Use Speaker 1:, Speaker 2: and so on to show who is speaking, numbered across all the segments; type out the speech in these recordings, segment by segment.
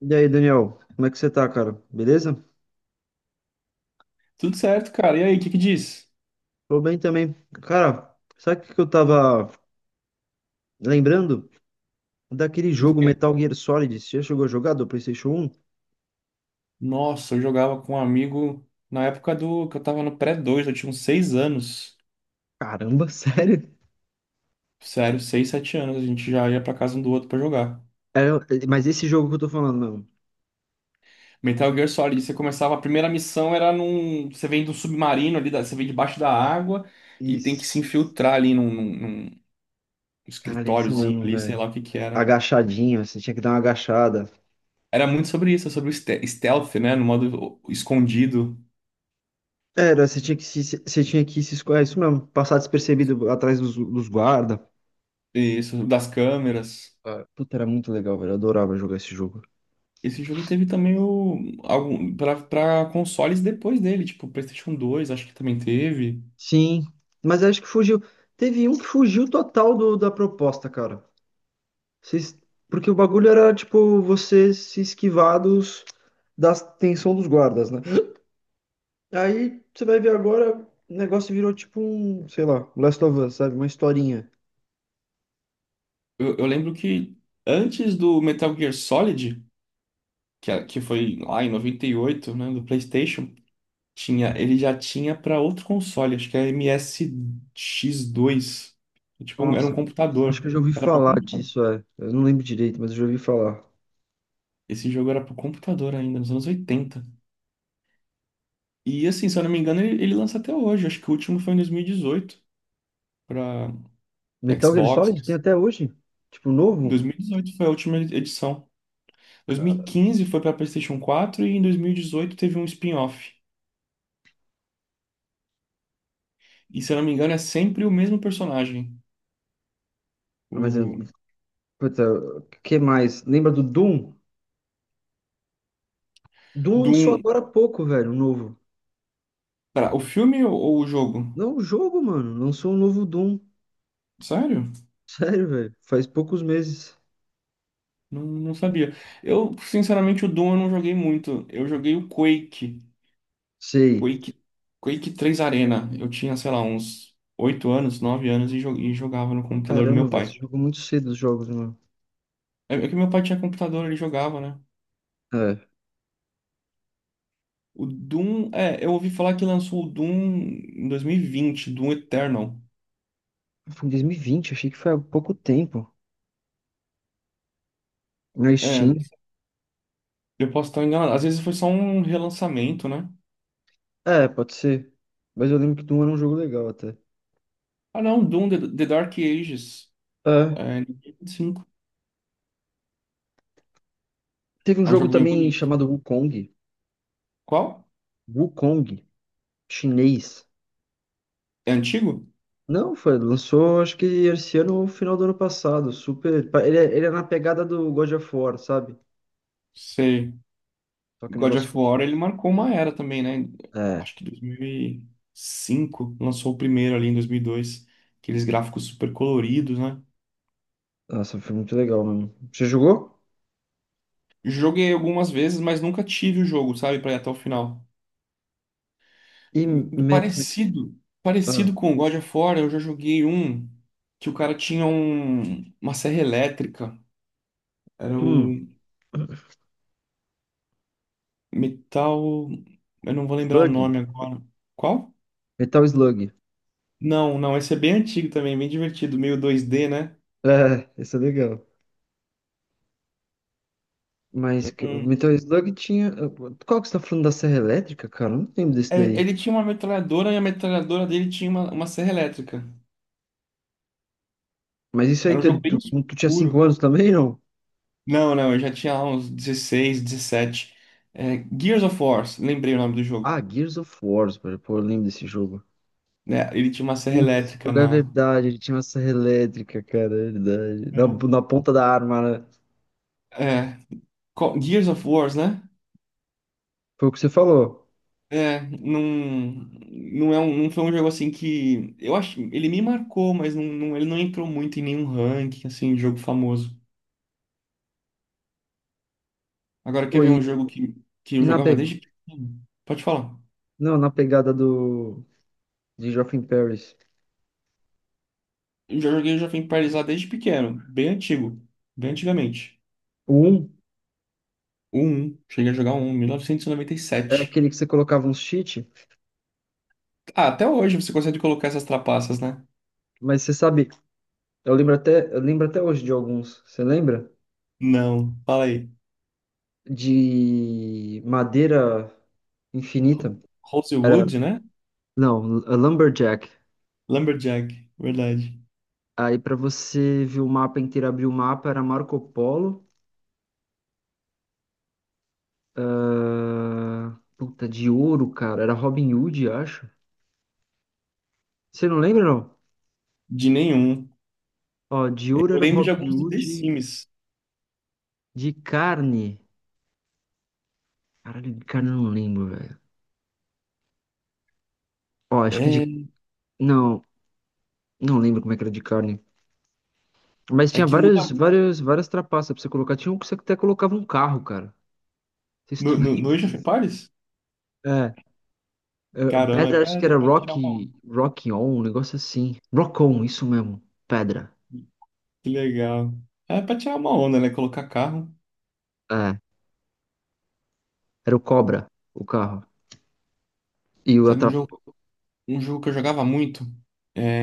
Speaker 1: E aí, Daniel, como é que você tá, cara? Beleza?
Speaker 2: Tudo certo, cara. E aí, o que que diz?
Speaker 1: Tô bem também. Cara, sabe o que que eu tava lembrando? Daquele
Speaker 2: Do
Speaker 1: jogo
Speaker 2: quê?
Speaker 1: Metal Gear Solid. Você já chegou a jogar do PlayStation um?
Speaker 2: Nossa, eu jogava com um amigo na época do que eu tava no pré dois. Eu tinha uns 6 anos.
Speaker 1: Caramba, sério?
Speaker 2: Sério, 6, 7 anos, a gente já ia pra casa um do outro pra jogar.
Speaker 1: Era- mas esse jogo que eu tô falando, não.
Speaker 2: Metal Gear Solid, você começava, a primeira missão era num. Você vem do submarino ali, você vem debaixo da água e tem que se
Speaker 1: Isso.
Speaker 2: infiltrar ali num
Speaker 1: Caralho, é isso
Speaker 2: escritóriozinho
Speaker 1: mesmo,
Speaker 2: ali, sei
Speaker 1: velho.
Speaker 2: lá o que que era.
Speaker 1: Agachadinho, você tinha que dar uma agachada.
Speaker 2: Era muito sobre isso, sobre o stealth, né? No modo escondido,
Speaker 1: Era, você tinha que você tinha que se esco- é isso mesmo, passar despercebido atrás dos guarda.
Speaker 2: isso, das câmeras.
Speaker 1: Ah, puta, era muito legal, velho. Eu adorava jogar esse jogo.
Speaker 2: Esse jogo teve também o algum para consoles depois dele, tipo PlayStation dois, acho que também teve.
Speaker 1: Sim, mas acho que fugiu. Teve um que fugiu total da proposta, cara. Vocês- porque o bagulho era, tipo, você se esquivar da tensão dos guardas, né? Aí você vai ver agora, o negócio virou tipo um, sei lá, Last of Us, sabe? Uma historinha.
Speaker 2: Eu lembro que antes do Metal Gear Solid, que foi lá em 98, né, do PlayStation, tinha, ele já tinha para outro console, acho que é msx dois. É, tipo, era um
Speaker 1: Nossa, acho que
Speaker 2: computador.
Speaker 1: eu já ouvi
Speaker 2: Era para
Speaker 1: falar
Speaker 2: computador.
Speaker 1: disso, é. Eu não lembro direito, mas eu já ouvi falar.
Speaker 2: Esse jogo era para computador ainda, nos anos 80. E assim, se eu não me engano, ele lança até hoje. Acho que o último foi em 2018 para
Speaker 1: Metal Gear
Speaker 2: Xbox.
Speaker 1: Solid tem até hoje? Tipo, novo?
Speaker 2: 2018 foi a última edição.
Speaker 1: Cara,
Speaker 2: 2015 foi para PlayStation 4 e em 2018 teve um spin-off. E se eu não me engano é sempre o mesmo personagem.
Speaker 1: Mas, eu-
Speaker 2: O
Speaker 1: puta, o que mais? Lembra do Doom? Doom
Speaker 2: do
Speaker 1: lançou
Speaker 2: um-
Speaker 1: agora há pouco, velho, um novo.
Speaker 2: pera, o filme ou o jogo?
Speaker 1: Não, o jogo, mano. Lançou um novo Doom.
Speaker 2: Sério?
Speaker 1: Sério, velho. Faz poucos meses.
Speaker 2: Não, não sabia. Eu, sinceramente, o Doom eu não joguei muito. Eu joguei o Quake.
Speaker 1: Sei.
Speaker 2: Quake, Quake 3 Arena. Eu tinha, sei lá, uns 8 anos, 9 anos e, e jogava no computador do
Speaker 1: Caramba,
Speaker 2: meu
Speaker 1: velho.
Speaker 2: pai.
Speaker 1: Você jogou muito cedo os jogos, mano.
Speaker 2: É, é que meu pai tinha computador, ele jogava, né?
Speaker 1: É.
Speaker 2: O Doom, é, eu ouvi falar que lançou o Doom em 2020, Doom Eternal.
Speaker 1: Foi em 2020. Achei que foi há pouco tempo. Na
Speaker 2: É,
Speaker 1: Steam.
Speaker 2: eu posso estar enganado. Às vezes foi só um relançamento, né?
Speaker 1: É, pode ser. Mas eu lembro que Doom era um jogo legal até.
Speaker 2: Ah, não, Doom The, The Dark Ages,
Speaker 1: É.
Speaker 2: é, de 2005.
Speaker 1: Teve um
Speaker 2: É um
Speaker 1: jogo
Speaker 2: jogo bem
Speaker 1: também
Speaker 2: bonito.
Speaker 1: chamado Wukong.
Speaker 2: Qual?
Speaker 1: Wukong. Chinês.
Speaker 2: É antigo?
Speaker 1: Não, foi. Lançou, acho que esse ano ou final do ano passado. Super. Ele é na pegada do God of War, sabe?
Speaker 2: Sei.
Speaker 1: Só que o
Speaker 2: God
Speaker 1: negócio
Speaker 2: of
Speaker 1: foi.
Speaker 2: War, ele marcou uma era também, né?
Speaker 1: É.
Speaker 2: Acho que dois mil e cinco lançou o primeiro ali em 2002. Aqueles gráficos super coloridos, né?
Speaker 1: Nossa, foi muito legal, mano. Você jogou?
Speaker 2: Joguei algumas vezes, mas nunca tive o jogo, sabe, pra ir até o final.
Speaker 1: E Matt,
Speaker 2: Parecido,
Speaker 1: ah,
Speaker 2: parecido com o God of War, eu já joguei um que o cara tinha uma serra elétrica. Era o
Speaker 1: hum,
Speaker 2: Metal. Eu não vou lembrar o
Speaker 1: Slug?
Speaker 2: nome agora. Qual?
Speaker 1: Metal Slug.
Speaker 2: Não, não, esse é bem antigo também, bem divertido, meio 2D, né?
Speaker 1: É, isso é legal. O
Speaker 2: Hum.
Speaker 1: Metal Slug tinha. Qual que você tá falando da Serra Elétrica, cara? Eu não lembro desse
Speaker 2: É,
Speaker 1: daí.
Speaker 2: ele tinha uma metralhadora e a metralhadora dele tinha uma serra elétrica.
Speaker 1: Mas isso aí,
Speaker 2: Era um
Speaker 1: tu, é,
Speaker 2: jogo bem
Speaker 1: tu tinha
Speaker 2: escuro.
Speaker 1: 5 anos também, não?
Speaker 2: Não, não, eu já tinha lá uns 16, 17. É, Gears of War, lembrei o nome do jogo.
Speaker 1: Ah, Gears of War, velho. Pô, eu lembro desse jogo.
Speaker 2: Né? Ele tinha uma serra
Speaker 1: Puta, esse
Speaker 2: elétrica
Speaker 1: jogo é
Speaker 2: na.
Speaker 1: verdade. Ele tinha uma serra elétrica, cara, é verdade.
Speaker 2: É.
Speaker 1: Na ponta da arma, né?
Speaker 2: É, Gears of Wars, né?
Speaker 1: Foi o que você falou.
Speaker 2: É, não, não, é um, não foi um jogo assim que. Eu acho. Ele me marcou, mas não, ele não entrou muito em nenhum ranking, assim, de jogo famoso. Agora, quer ver
Speaker 1: Foi.
Speaker 2: um jogo que eu
Speaker 1: E na, pe...
Speaker 2: jogava desde pequeno? Pode falar.
Speaker 1: não, na pegada do. De Geoff in Paris.
Speaker 2: Eu já joguei Jovem Paralisado desde pequeno, bem antigo, bem antigamente.
Speaker 1: O 1
Speaker 2: O 1, cheguei a jogar o 1,
Speaker 1: é
Speaker 2: 1997.
Speaker 1: aquele que você colocava uns cheat.
Speaker 2: Ah, até hoje você consegue colocar essas trapaças, né?
Speaker 1: Mas você sabe, eu lembro até hoje de alguns. Você lembra?
Speaker 2: Não, fala aí.
Speaker 1: De madeira infinita. Era,
Speaker 2: Rosewood, né?
Speaker 1: não, Lumberjack.
Speaker 2: Lumberjack, verdade.
Speaker 1: Aí pra você ver o mapa inteiro, abrir o mapa, era Marco Polo. Ah, puta, de ouro, cara. Era Robin Hood, acho. Você não lembra, não?
Speaker 2: De nenhum.
Speaker 1: Ó, de ouro
Speaker 2: Eu
Speaker 1: era
Speaker 2: lembro de
Speaker 1: Robin
Speaker 2: alguns do The
Speaker 1: Hood.
Speaker 2: Sims.
Speaker 1: De carne. Caralho, de carne eu não lembro, velho. Ó, acho que de.
Speaker 2: É,
Speaker 1: Não, não lembro como é que era de carne. Mas
Speaker 2: é
Speaker 1: tinha
Speaker 2: que muda muito.
Speaker 1: várias trapaças pra você colocar. Tinha um que você até colocava um carro, cara. Não sei se tu
Speaker 2: No, no,
Speaker 1: lembra
Speaker 2: no Age of
Speaker 1: disso.
Speaker 2: Empires?
Speaker 1: É, é,
Speaker 2: Caramba,
Speaker 1: pedra, acho que
Speaker 2: é
Speaker 1: era
Speaker 2: pra tirar uma onda.
Speaker 1: Rock On, um negócio assim. Rock On, isso mesmo. Pedra.
Speaker 2: Que legal. É pra tirar uma onda, né? Colocar carro.
Speaker 1: É, era o Cobra, o carro. E o
Speaker 2: Sabe
Speaker 1: atrap...
Speaker 2: um jogo que eu jogava muito,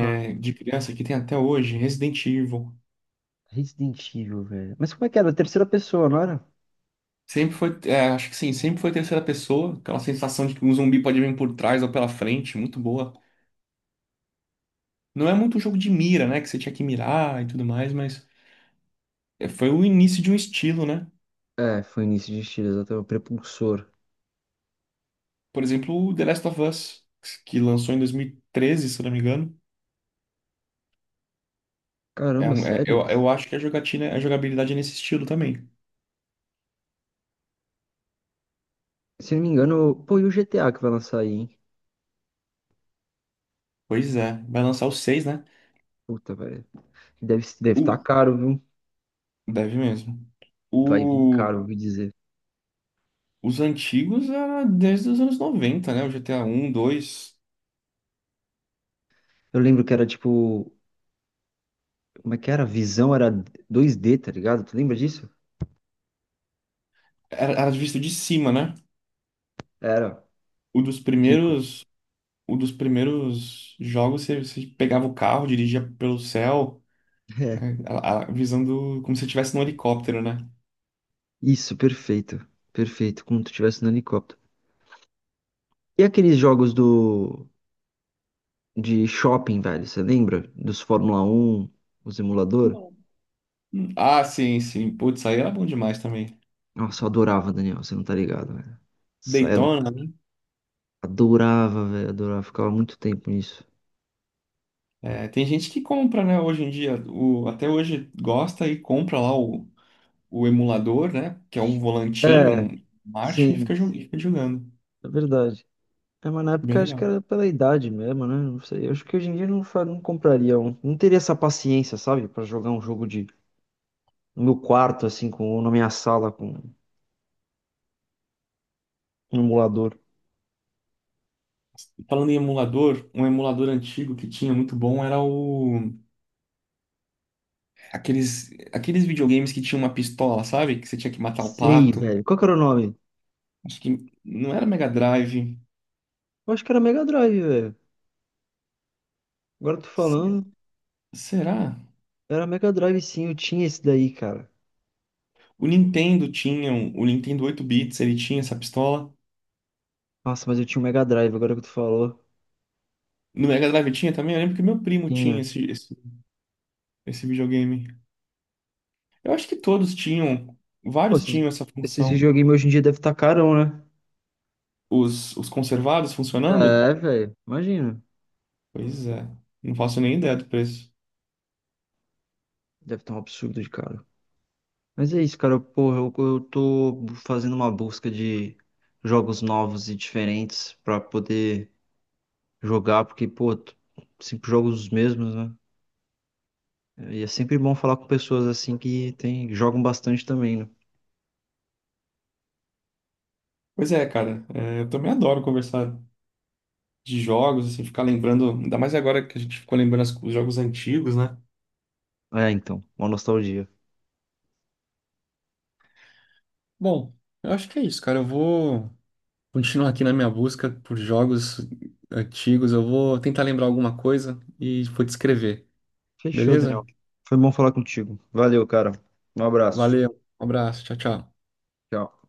Speaker 1: Ah,
Speaker 2: de criança, que tem até hoje, Resident Evil.
Speaker 1: Resident Evil, velho. Mas como é que era? Terceira pessoa, não era?
Speaker 2: Sempre foi, é, acho que sim, sempre foi terceira pessoa. Aquela sensação de que um zumbi pode vir por trás ou pela frente, muito boa. Não é muito um jogo de mira, né? Que você tinha que mirar e tudo mais, mas é, foi o início de um estilo, né?
Speaker 1: É, foi início de estilo, até O Prepulsor.
Speaker 2: Por exemplo, o The Last of Us, que lançou em 2013, se eu não me engano. É
Speaker 1: Caramba,
Speaker 2: um,
Speaker 1: sério?
Speaker 2: eu acho que a jogatina, a jogabilidade é nesse estilo também.
Speaker 1: Se não me engano, pô, e o GTA que vai lançar aí, hein?
Speaker 2: Pois é, vai lançar o 6, né?
Speaker 1: Puta, velho. Deve estar
Speaker 2: O,
Speaker 1: caro, viu?
Speaker 2: deve mesmo.
Speaker 1: Vai vir caro,
Speaker 2: O,
Speaker 1: ouvi dizer.
Speaker 2: os antigos era desde os anos 90, né? O GTA um, dois.
Speaker 1: Eu lembro que era tipo. Como é que era? A visão era 2D, tá ligado? Tu lembra disso?
Speaker 2: Era, era visto de cima, né?
Speaker 1: Era
Speaker 2: O dos
Speaker 1: ridículo.
Speaker 2: primeiros, o dos primeiros jogos, você, você pegava o carro, dirigia pelo céu, né? A, visando como se estivesse num helicóptero, né?
Speaker 1: Isso, perfeito. Perfeito, como tu estivesse no helicóptero. E aqueles jogos do de shopping, velho, você lembra? Dos Fórmula Um, os emulador?
Speaker 2: Ah, sim, sim. Putz, aí era bom demais também.
Speaker 1: Nossa, eu adorava, Daniel, você não tá ligado, velho. Saia do...
Speaker 2: Daytona, né?
Speaker 1: Adorava, velho, adorava. Ficava muito tempo nisso.
Speaker 2: É, tem gente que compra, né, hoje em dia. O, até hoje gosta e compra lá o emulador, né? Que é um volantinho,
Speaker 1: É,
Speaker 2: um marcha e fica,
Speaker 1: sim,
Speaker 2: e fica jogando.
Speaker 1: é verdade. É, mas na
Speaker 2: Bem
Speaker 1: época acho que
Speaker 2: legal.
Speaker 1: era pela idade mesmo, né? Não sei. Eu acho que hoje em dia eu não compraria um. Não teria essa paciência, sabe? Pra jogar um jogo de no meu quarto, assim, com, ou na minha sala, com um emulador.
Speaker 2: E falando em emulador, um emulador antigo que tinha muito bom era o, aqueles, aqueles videogames que tinha uma pistola, sabe? Que você tinha que matar o
Speaker 1: Sei,
Speaker 2: pato.
Speaker 1: velho. Qual que era o nome?
Speaker 2: Acho que não era Mega Drive.
Speaker 1: Eu acho que era Mega Drive, velho. Agora eu tô
Speaker 2: Se-
Speaker 1: falando.
Speaker 2: Será?
Speaker 1: Era Mega Drive, sim. Eu tinha esse daí, cara.
Speaker 2: O Nintendo tinha, o Nintendo 8 bits, ele tinha essa pistola.
Speaker 1: Nossa, mas eu tinha um Mega Drive, agora que tu falou.
Speaker 2: No Mega Drive tinha também? Eu lembro que meu primo tinha
Speaker 1: Tinha.
Speaker 2: esse videogame. Eu acho que todos tinham,
Speaker 1: Pô,
Speaker 2: vários tinham essa
Speaker 1: esses
Speaker 2: função.
Speaker 1: videogames hoje em dia devem estar carão, né?
Speaker 2: Os conservados funcionando?
Speaker 1: É, velho. Imagina.
Speaker 2: Pois é, não faço nem ideia do preço.
Speaker 1: Deve estar um absurdo de caro. Mas é isso, cara. Porra, eu tô fazendo uma busca de jogos novos e diferentes pra poder jogar, porque, pô, sempre jogos os mesmos, né? E é sempre bom falar com pessoas assim que tem, jogam bastante também, né?
Speaker 2: Pois é, cara, é, eu também adoro conversar de jogos, assim, ficar lembrando, ainda mais agora que a gente ficou lembrando os jogos antigos, né?
Speaker 1: Ah, é, então, uma nostalgia.
Speaker 2: Bom, eu acho que é isso, cara. Eu vou continuar aqui na minha busca por jogos antigos. Eu vou tentar lembrar alguma coisa e vou te escrever,
Speaker 1: Fechou,
Speaker 2: beleza?
Speaker 1: Daniel. Foi bom falar contigo. Valeu, cara. Um abraço.
Speaker 2: Valeu, um abraço, tchau, tchau.
Speaker 1: Tchau.